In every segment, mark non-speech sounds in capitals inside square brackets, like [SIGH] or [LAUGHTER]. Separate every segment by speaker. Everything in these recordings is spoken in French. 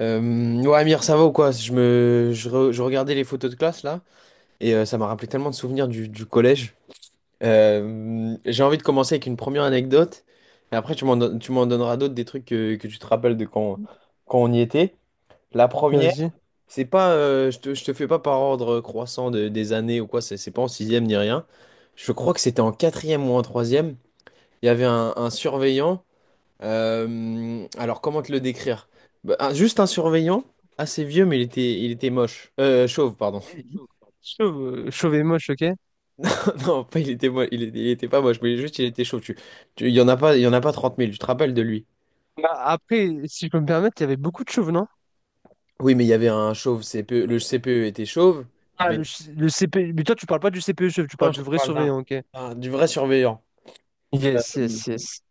Speaker 1: Euh, ouais, Amir, ça va ou quoi? Je me, je, re- je regardais les photos de classe là, et ça m'a rappelé tellement de souvenirs du collège. J'ai envie de commencer avec une première anecdote, et après tu m'en donneras d'autres des trucs que tu te rappelles de quand on y était. La première,
Speaker 2: Vas-y.
Speaker 1: c'est pas, je te fais pas par ordre croissant des années ou quoi, c'est pas en sixième ni rien. Je crois que c'était en quatrième ou en troisième. Il y avait un surveillant, alors, comment te le décrire? Bah, juste un surveillant, assez vieux, mais il était moche. Chauve, pardon.
Speaker 2: Chauve, chauve et moche, ok?
Speaker 1: [LAUGHS] Non, pas il était moche, il était pas moche, mais juste il était chauve. Il y en a pas, il y en a pas trente 000, tu te rappelles de lui?
Speaker 2: Bah, après, si je peux me permettre, il y avait beaucoup de chauves, non?
Speaker 1: Oui, mais il y avait un chauve CPE, le CPE était chauve,
Speaker 2: Ah,
Speaker 1: mais
Speaker 2: le CP... Mais toi, tu parles pas du CPE chauve, tu
Speaker 1: non,
Speaker 2: parles
Speaker 1: je
Speaker 2: du
Speaker 1: te
Speaker 2: vrai
Speaker 1: parle d'un,
Speaker 2: surveillant, ok?
Speaker 1: d'un- du vrai surveillant. Euh,
Speaker 2: Yes, yes, yes.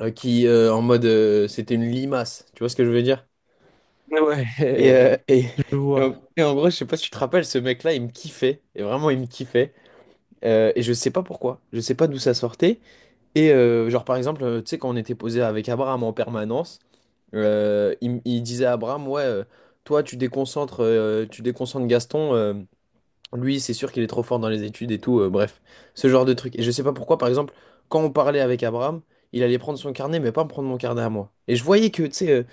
Speaker 1: qui, en mode, c'était une limace, tu vois ce que je veux dire?
Speaker 2: Ouais,
Speaker 1: Et,
Speaker 2: [LAUGHS]
Speaker 1: euh, et,
Speaker 2: je
Speaker 1: et
Speaker 2: vois.
Speaker 1: en, et en gros, je sais pas si tu te rappelles, ce mec-là, il me kiffait, et vraiment, il me kiffait. Et je sais pas pourquoi, je sais pas d'où ça sortait. Et genre par exemple, tu sais, quand on était posé avec Abraham en permanence, il disait à Abraham, ouais, toi tu déconcentres Gaston, lui c'est sûr qu'il est trop fort dans les études et tout, bref, ce genre de truc. Et je sais pas pourquoi, par exemple, quand on parlait avec Abraham, il allait prendre son carnet, mais pas me prendre mon carnet à moi. Et je voyais que, tu sais,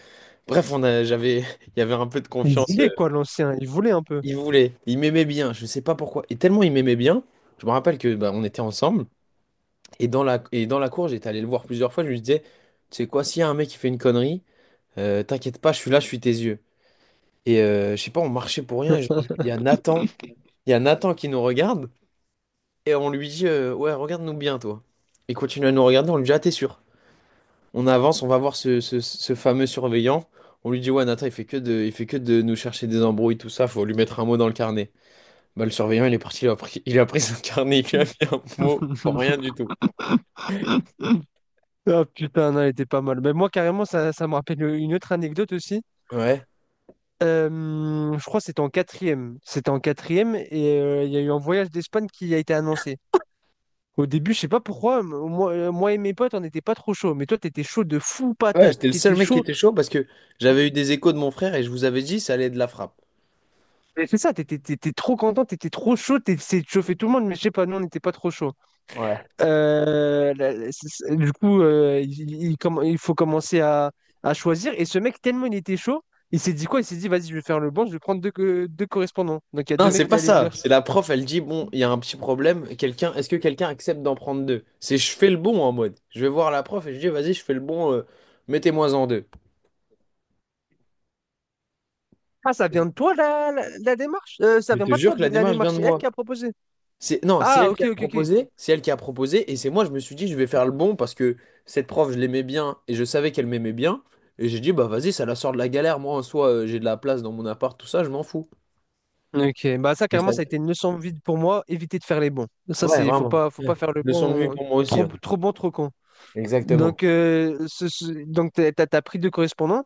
Speaker 1: bref, [LAUGHS] il y avait un peu de
Speaker 2: Il
Speaker 1: confiance. euh,
Speaker 2: voulait quoi, l'ancien? Il voulait un peu.
Speaker 1: il voulait, il m'aimait bien, je sais pas pourquoi. Et tellement il m'aimait bien, je me rappelle que bah, on était ensemble. Et dans la cour, j'étais allé le voir plusieurs fois, je lui disais, tu sais quoi, s'il y a un mec qui fait une connerie, t'inquiète pas, je suis là, je suis tes yeux. Et je sais pas, on marchait pour rien, et genre, il y a Nathan qui nous regarde, et on lui dit, ouais, regarde-nous bien, toi. Il continue à nous regarder, on lui dit, ah, t'es sûr? On avance, on va voir ce fameux surveillant. On lui dit, ouais, Nathan, il fait que de nous chercher des embrouilles, tout ça, faut lui mettre un mot dans le carnet. Bah, le surveillant, il est parti, il a pris son carnet, il lui a mis un mot pour rien
Speaker 2: [LAUGHS]
Speaker 1: du tout.
Speaker 2: Ah putain, non, elle était pas mal. Mais moi, carrément, ça me rappelle une autre anecdote aussi.
Speaker 1: Ouais.
Speaker 2: Euh, je crois que c'était en quatrième. C'était en quatrième et il y a eu un voyage d'Espagne qui a été annoncé. Au début, je sais pas pourquoi, moi et mes potes, on n'était pas trop chaud. Mais toi, t'étais chaud de fou
Speaker 1: Ouais,
Speaker 2: patate.
Speaker 1: j'étais le seul
Speaker 2: T'étais
Speaker 1: mec qui
Speaker 2: chaud.
Speaker 1: était chaud parce que j'avais eu des échos de mon frère et je vous avais dit ça allait être de la frappe.
Speaker 2: Mais c'est ça, t'étais trop content, t'étais trop chaud, t'essayais de chauffer tout le monde, mais je sais pas, nous, on n'était pas trop chaud.
Speaker 1: Ouais.
Speaker 2: Du coup, il faut commencer à choisir. Et ce mec, tellement il était chaud, il s'est dit quoi? Il s'est dit, vas-y, je vais faire le bon, je vais prendre deux correspondants. Donc, il y a deux
Speaker 1: Non,
Speaker 2: mecs
Speaker 1: c'est
Speaker 2: qui
Speaker 1: pas
Speaker 2: allaient
Speaker 1: ça.
Speaker 2: venir.
Speaker 1: C'est la prof, elle dit, bon, il y a un petit problème. Quelqu'un, est-ce que quelqu'un accepte d'en prendre deux? C'est je fais le bon en mode. Je vais voir la prof et je dis, vas-y, je fais le bon, mettez-moi en deux.
Speaker 2: Ah, ça vient de toi, la démarche? Ça
Speaker 1: Je
Speaker 2: vient
Speaker 1: te
Speaker 2: pas de toi,
Speaker 1: jure que la
Speaker 2: la
Speaker 1: démarche vient
Speaker 2: démarche.
Speaker 1: de
Speaker 2: C'est elle
Speaker 1: moi.
Speaker 2: qui a proposé.
Speaker 1: Non, c'est
Speaker 2: Ah,
Speaker 1: elle qui
Speaker 2: ok,
Speaker 1: a
Speaker 2: ok, ok.
Speaker 1: proposé, c'est elle qui a proposé, et c'est moi, je me suis dit, je vais faire le bon parce que cette prof, je l'aimais bien et je savais qu'elle m'aimait bien. Et j'ai dit, bah vas-y, ça la sort de la galère. Moi, en soi, j'ai de la place dans mon appart, tout ça, je m'en fous.
Speaker 2: Ok, bah ça carrément ça a été une leçon de vie pour moi, éviter de faire les bons. Ça
Speaker 1: Ouais,
Speaker 2: c'est faut
Speaker 1: vraiment.
Speaker 2: pas faut pas
Speaker 1: Ouais.
Speaker 2: faire le
Speaker 1: Leçon de vie
Speaker 2: bon
Speaker 1: pour moi aussi,
Speaker 2: trop
Speaker 1: hein.
Speaker 2: trop bon trop con.
Speaker 1: Exactement.
Speaker 2: Donc donc t'as pris deux correspondants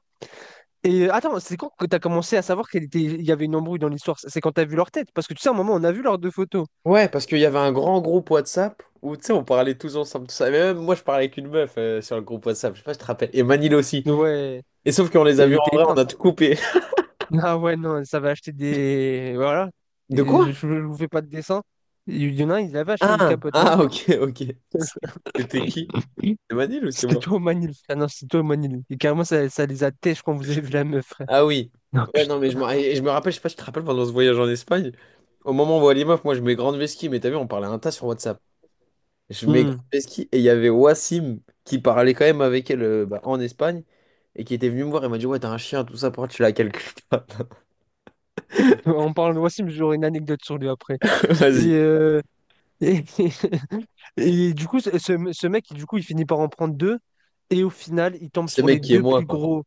Speaker 2: et attends, c'est quand que t'as commencé à savoir qu'il était il y avait une embrouille dans l'histoire? C'est quand t'as vu leur tête parce que tu sais à un moment on a vu leurs deux photos.
Speaker 1: Ouais, parce qu'il y avait un grand groupe WhatsApp où, tu sais, on parlait tous ensemble, tout ça. Mais même moi, je parlais avec une meuf sur le groupe WhatsApp. Je sais pas si tu te rappelles. Et Manil aussi.
Speaker 2: Ouais,
Speaker 1: Et sauf qu'on les
Speaker 2: et
Speaker 1: a
Speaker 2: elle
Speaker 1: vus en
Speaker 2: était
Speaker 1: vrai, on
Speaker 2: éteinte.
Speaker 1: a tout
Speaker 2: [LAUGHS]
Speaker 1: coupé.
Speaker 2: Ah ouais non, ça va acheter des voilà.
Speaker 1: [LAUGHS] De
Speaker 2: Et Je,
Speaker 1: quoi?
Speaker 2: je vous fais pas de dessin. Il y en a un, il avait acheté une
Speaker 1: Ah,
Speaker 2: capote, non?
Speaker 1: ah, ok, ok. C'était qui?
Speaker 2: Oui.
Speaker 1: C'était Manil ou c'était
Speaker 2: C'était
Speaker 1: moi?
Speaker 2: toi au Manil. Ah non, c'était toi au Manil. Et carrément ça, ça les a têches quand vous avez vu la meuf.
Speaker 1: Ah oui.
Speaker 2: Non,
Speaker 1: Ouais, non, mais
Speaker 2: putain.
Speaker 1: je me rappelle, je sais pas si tu te rappelles pendant ce voyage en Espagne. Au moment où on voit les meufs, moi, je mets grande vesquille, mais t'as vu, on parlait un tas sur WhatsApp. Je mets
Speaker 2: Hmm.
Speaker 1: ski et il y avait Wassim qui parlait quand même avec elle, bah, en Espagne, et qui était venu me voir et m'a dit, ouais, t'as un chien, tout ça, pourquoi tu l'as quelque part.
Speaker 2: En parlant de Wassim, j'aurai une anecdote sur lui après.
Speaker 1: [LAUGHS]
Speaker 2: Et,
Speaker 1: Vas-y.
Speaker 2: euh, et, [LAUGHS] et du coup, ce mec, du coup, il finit par en prendre deux. Et au final, il tombe
Speaker 1: Ce
Speaker 2: sur les
Speaker 1: mec qui est
Speaker 2: deux
Speaker 1: moi,
Speaker 2: plus
Speaker 1: quoi.
Speaker 2: gros.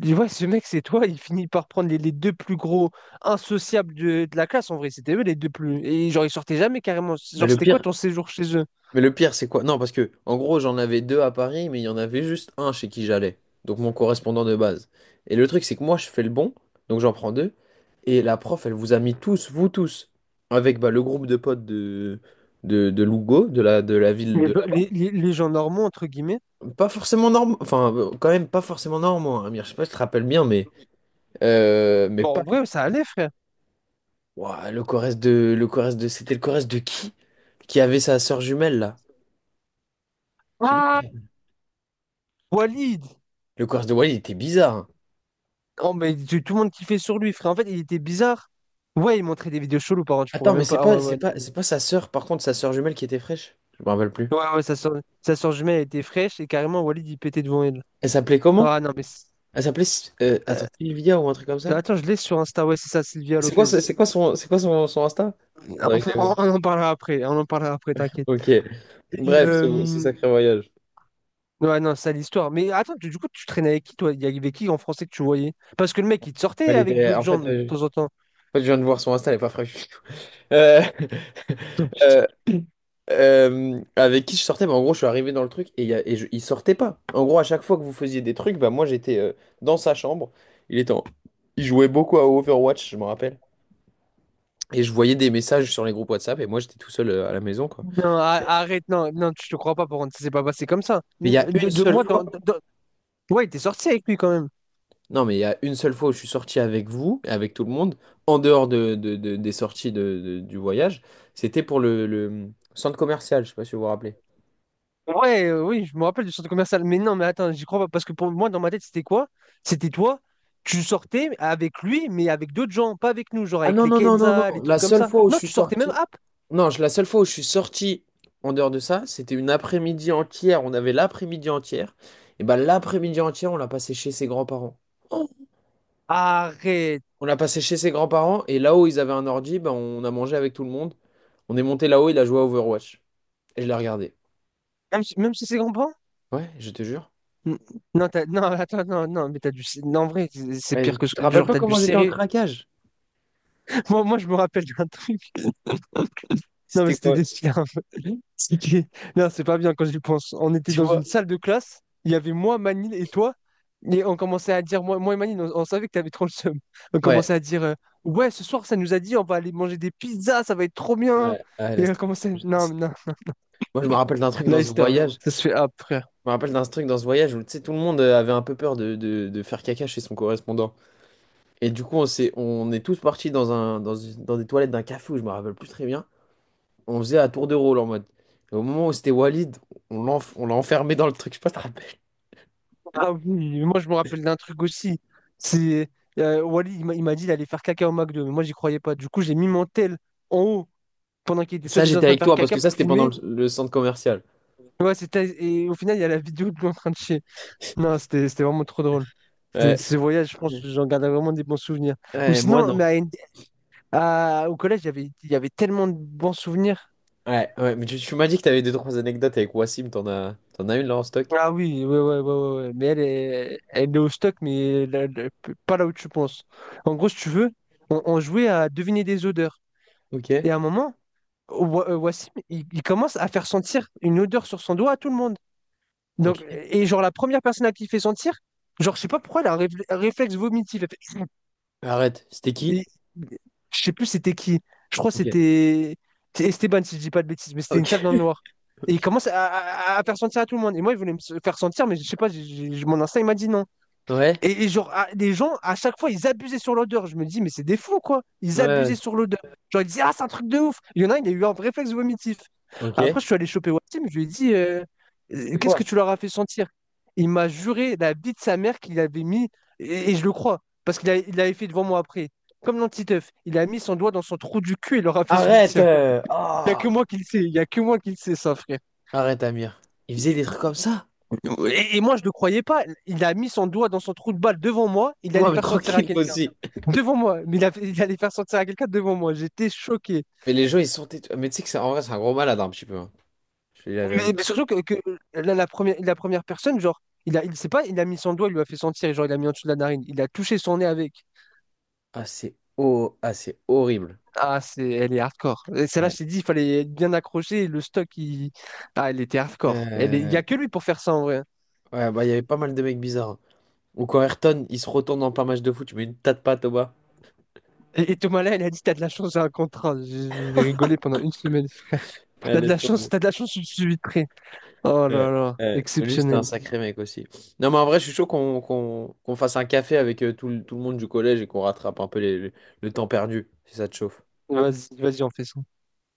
Speaker 2: Tu vois, ce mec, c'est toi. Il finit par prendre les deux plus gros insociables de la classe. En vrai, c'était eux les deux plus. Et genre, ils sortaient jamais carrément.
Speaker 1: mais
Speaker 2: Genre,
Speaker 1: le
Speaker 2: c'était quoi
Speaker 1: pire
Speaker 2: ton séjour chez eux?
Speaker 1: mais le pire c'est quoi? Non, parce que en gros j'en avais deux à Paris, mais il y en avait juste un chez qui j'allais, donc mon correspondant de base. Et le truc c'est que moi je fais le bon, donc j'en prends deux, et la prof, elle vous a mis tous, vous tous, avec bah, le groupe de potes de Lugo, de la ville de
Speaker 2: Les gens normaux, entre guillemets.
Speaker 1: Pas forcément normal, enfin quand même pas forcément normand, hein, Amir. Je sais pas si tu te rappelles bien, mais
Speaker 2: Bon,
Speaker 1: pas
Speaker 2: en vrai, ça allait, frère.
Speaker 1: Ouah, le Corrèze de c'était le Corrèze de qui avait sa sœur jumelle là? Je sais
Speaker 2: Ah.
Speaker 1: plus.
Speaker 2: Walid!
Speaker 1: Le Corrèze de Wally, il était bizarre, hein.
Speaker 2: Oh, mais tout tout le monde kiffait sur lui, frère. En fait, il était bizarre. Ouais, il montrait des vidéos cheloues, par contre, je pourrais
Speaker 1: Attends, mais
Speaker 2: même
Speaker 1: c'est
Speaker 2: pas. Ah ouais,
Speaker 1: pas c'est
Speaker 2: ouais, non,
Speaker 1: pas
Speaker 2: mais-
Speaker 1: c'est pas sa sœur, par contre sa sœur jumelle qui était fraîche. Je me rappelle plus.
Speaker 2: Ouais, ouais, sa soeur jumelle, elle était fraîche et carrément, Walid, il pétait devant elle.
Speaker 1: Elle s'appelait comment?
Speaker 2: Ah non, mais c'est-
Speaker 1: Elle s'appelait attends,
Speaker 2: euh,
Speaker 1: Sylvia ou un truc comme ça?
Speaker 2: Attends, je l'ai sur Insta, ouais, c'est ça, Sylvia Lopez.
Speaker 1: C'est quoi son Insta?
Speaker 2: [LAUGHS]
Speaker 1: Faudrait que j'aille voir.
Speaker 2: On en parlera après, on en parlera après, t'inquiète.
Speaker 1: Ok.
Speaker 2: Et,
Speaker 1: Bref, c'est ce sacré voyage.
Speaker 2: ouais, non, c'est l'histoire. Mais attends, du coup, tu traînais avec qui, toi? Il y avait qui en français que tu voyais? Parce que le mec, il te sortait
Speaker 1: Elle
Speaker 2: avec
Speaker 1: était
Speaker 2: d'autres
Speaker 1: en
Speaker 2: gens
Speaker 1: fait
Speaker 2: de
Speaker 1: je-
Speaker 2: temps en temps.
Speaker 1: en fait, je viens de voir son Insta, elle est pas fraîche. Euh,
Speaker 2: Non,
Speaker 1: [LAUGHS]
Speaker 2: putain.
Speaker 1: euh, avec qui je sortais, bah, en gros, je suis arrivé dans le truc et, il y a- et je- il sortait pas. En gros, à chaque fois que vous faisiez des trucs, bah, moi j'étais dans sa chambre. Il était en- Il jouait beaucoup à Overwatch, je me rappelle. Et je voyais des messages sur les groupes WhatsApp et moi j'étais tout seul à la maison, quoi.
Speaker 2: Non, arrête, non, non, je te crois pas, par contre, ça s'est pas passé comme ça.
Speaker 1: Mais il y a
Speaker 2: De,
Speaker 1: une
Speaker 2: de-
Speaker 1: seule
Speaker 2: moi, dans,
Speaker 1: fois,
Speaker 2: dans- Ouais, t'es sorti avec lui quand même.
Speaker 1: non, mais il y a une seule fois où je suis sorti avec vous, avec tout le monde, en dehors des sorties du voyage, c'était pour le centre commercial, je sais pas si vous vous rappelez.
Speaker 2: Ouais, oui, je me rappelle du centre commercial. Mais non, mais attends, j'y crois pas. Parce que pour moi, dans ma tête, c'était quoi? C'était toi, tu sortais avec lui, mais avec d'autres gens, pas avec nous, genre
Speaker 1: Ah
Speaker 2: avec
Speaker 1: non,
Speaker 2: les
Speaker 1: non, non, non, non.
Speaker 2: Kenza, les
Speaker 1: La
Speaker 2: trucs comme
Speaker 1: seule
Speaker 2: ça.
Speaker 1: fois où je
Speaker 2: Non,
Speaker 1: suis
Speaker 2: tu sortais même
Speaker 1: sorti.
Speaker 2: hop.
Speaker 1: Non, la seule fois où je suis sorti en dehors de ça, c'était une après-midi entière. On avait l'après-midi entière. Et ben l'après-midi entière, on l'a passé chez ses grands-parents. Oh.
Speaker 2: Arrête.
Speaker 1: On l'a passé chez ses grands-parents et là-haut, ils avaient un ordi, ben, on a mangé avec tout le monde. On est monté là-haut, il a joué à Overwatch. Et je l'ai regardé.
Speaker 2: Même si c'est grand-parents?
Speaker 1: Ouais, je te jure.
Speaker 2: N- non, non, attends, non, non, mais t'as du. Non, en vrai, c'est
Speaker 1: Ouais,
Speaker 2: pire que
Speaker 1: tu te rappelles
Speaker 2: genre,
Speaker 1: pas
Speaker 2: t'as du
Speaker 1: comment j'étais en
Speaker 2: serré.
Speaker 1: craquage?
Speaker 2: [LAUGHS] Je me rappelle d'un truc. Non, mais
Speaker 1: C'était
Speaker 2: c'était
Speaker 1: quoi?
Speaker 2: des scams. [LAUGHS] C'est que- Non, c'est pas bien quand j'y pense. On était
Speaker 1: Tu
Speaker 2: dans une
Speaker 1: vois?
Speaker 2: salle de classe, il y avait moi, Manil et toi, et on commençait à dire, moi et Manil, on savait que t'avais trop le seum. On
Speaker 1: Ouais.
Speaker 2: commençait à dire, ouais, ce soir, ça nous a dit, on va aller manger des pizzas, ça va être trop bien.
Speaker 1: Ouais, ouais,
Speaker 2: Et
Speaker 1: laisse
Speaker 2: on
Speaker 1: tomber.
Speaker 2: commençait, non, mais non,
Speaker 1: Moi, je me rappelle d'un truc
Speaker 2: la
Speaker 1: dans ce
Speaker 2: histoire,
Speaker 1: voyage.
Speaker 2: ça se fait après.
Speaker 1: Je me rappelle d'un truc dans ce voyage où, tu sais, tout le monde avait un peu peur de faire caca chez son correspondant. Et du coup, on est tous partis dans un, dans une- dans des toilettes d'un café où je me rappelle plus très bien. On faisait à tour de rôle en mode. Et au moment où c'était Walid, on l'a enfermé dans le truc. Je sais pas si tu te rappelles.
Speaker 2: Ah oui, moi, je me rappelle d'un truc aussi. C'est Wally, il m'a dit d'aller faire caca au McDo, mais moi, j'y croyais pas. Du coup, j'ai mis mon tel en haut pendant qu'il était
Speaker 1: Ça,
Speaker 2: soi-disant en
Speaker 1: j'étais
Speaker 2: train de
Speaker 1: avec
Speaker 2: faire
Speaker 1: toi parce
Speaker 2: caca
Speaker 1: que ça,
Speaker 2: pour
Speaker 1: c'était pendant
Speaker 2: filmer.
Speaker 1: le centre commercial.
Speaker 2: Ouais, c'était. Et au final, il y a la vidéo de lui en train de chier. Non, c'était vraiment trop drôle.
Speaker 1: Ouais.
Speaker 2: Ces voyages, je pense, que j'en garde vraiment des bons souvenirs. Ou
Speaker 1: Ouais, moi,
Speaker 2: sinon,
Speaker 1: non.
Speaker 2: au collège, il y avait, tellement de bons souvenirs.
Speaker 1: Ouais, ouais, mais tu m'as dit que t'avais deux, trois anecdotes avec Wassim. T'en as une là en stock?
Speaker 2: Ah oui, ouais, ouais, ouais, ouais, ouais. Mais elle est au stock, mais là, pas là où tu penses. En gros, si tu veux, on jouait à deviner des odeurs.
Speaker 1: Ok.
Speaker 2: Et à un moment, Wassim, il commence à faire sentir une odeur sur son doigt à tout le monde.
Speaker 1: Ok.
Speaker 2: Donc, et genre, la première personne à qui il fait sentir, genre, je sais pas pourquoi, elle a un réflexe vomitif.
Speaker 1: Arrête. C'était qui?
Speaker 2: Et- je sais plus c'était qui. Je crois que
Speaker 1: Ok.
Speaker 2: c'était Esteban, si je dis pas de bêtises, mais c'était
Speaker 1: Ok.
Speaker 2: une salle dans le
Speaker 1: [LAUGHS]
Speaker 2: noir. Et
Speaker 1: Ok.
Speaker 2: il commence à, à faire sentir à tout le monde. Et moi, il voulait faire sentir, mais je sais pas, mon instinct, il m'a dit non.
Speaker 1: Ouais.
Speaker 2: Et genre, à- les gens, à chaque fois, ils abusaient sur l'odeur. Je me dis, mais c'est des fous, quoi. Ils abusaient
Speaker 1: Ouais.
Speaker 2: sur l'odeur. Genre, ils disaient, ah, c'est un truc de ouf. Il y en a un, il a eu un réflexe vomitif. Après, je
Speaker 1: Ok.
Speaker 2: suis allé choper Wassim, je lui ai dit,
Speaker 1: C'était
Speaker 2: qu'est-ce que
Speaker 1: quoi?
Speaker 2: tu leur as fait sentir? Il m'a juré la vie de sa mère qu'il avait mis, et je le crois, parce qu'il l'avait fait devant moi après. Comme l'antiteuf, il a mis son doigt dans son trou du cul et il leur a fait
Speaker 1: Arrête!
Speaker 2: sentir. Il n'y a
Speaker 1: Ah,
Speaker 2: que moi qui le sais, il n'y a que moi qui le sais, ça, frère.
Speaker 1: arrête, Amir. Il faisait des trucs comme ça?
Speaker 2: Et moi, je ne le croyais pas. Il a mis son doigt dans son trou de balle devant moi. Il allait
Speaker 1: Ouais, mais
Speaker 2: faire sentir à
Speaker 1: tranquille, moi
Speaker 2: quelqu'un.
Speaker 1: aussi.
Speaker 2: Devant moi. Mais il allait faire sentir à quelqu'un devant moi. J'étais choqué.
Speaker 1: Mais les gens, ils sont têtus. Mais tu sais que c'est en vrai, c'est un gros malade, hein, un petit peu, hein. Je te dis la vérité.
Speaker 2: Surtout que la première, personne, genre, il sait pas, il a mis son doigt, il lui a fait sentir, et genre, il a mis en dessous de la narine. Il a touché son nez avec.
Speaker 1: Ah, c'est oh, ah, c'est horrible.
Speaker 2: Ah, c'est, elle est hardcore. Et celle-là,
Speaker 1: Ouais.
Speaker 2: je t'ai dit, il fallait être bien accrocher. Le stock, il... Ah, elle était hardcore. Elle est- il n'y
Speaker 1: Euh,
Speaker 2: a que lui pour faire ça, en vrai.
Speaker 1: ouais, bah, il y avait pas mal de mecs bizarres, hein. Ou quand Ayrton, il se retourne dans plein match de foot, tu mets une tas de pattes au bas.
Speaker 2: Et Thomas, là, elle a dit, t'as de la chance, j'ai un contrat. J'ai rigolé pendant une semaine, frère.
Speaker 1: Ouais,
Speaker 2: T'as de la
Speaker 1: laisse
Speaker 2: chance,
Speaker 1: tomber.
Speaker 2: t'as de la chance, je suis vitré. Oh
Speaker 1: Ouais,
Speaker 2: là là,
Speaker 1: ouais. Lui, c'était un
Speaker 2: exceptionnel.
Speaker 1: sacré mec aussi. Non, mais en vrai, je suis chaud qu'on fasse un café avec tout le monde du collège et qu'on rattrape un peu le temps perdu, si ça te chauffe.
Speaker 2: Vas-y, vas-y, on fait ça.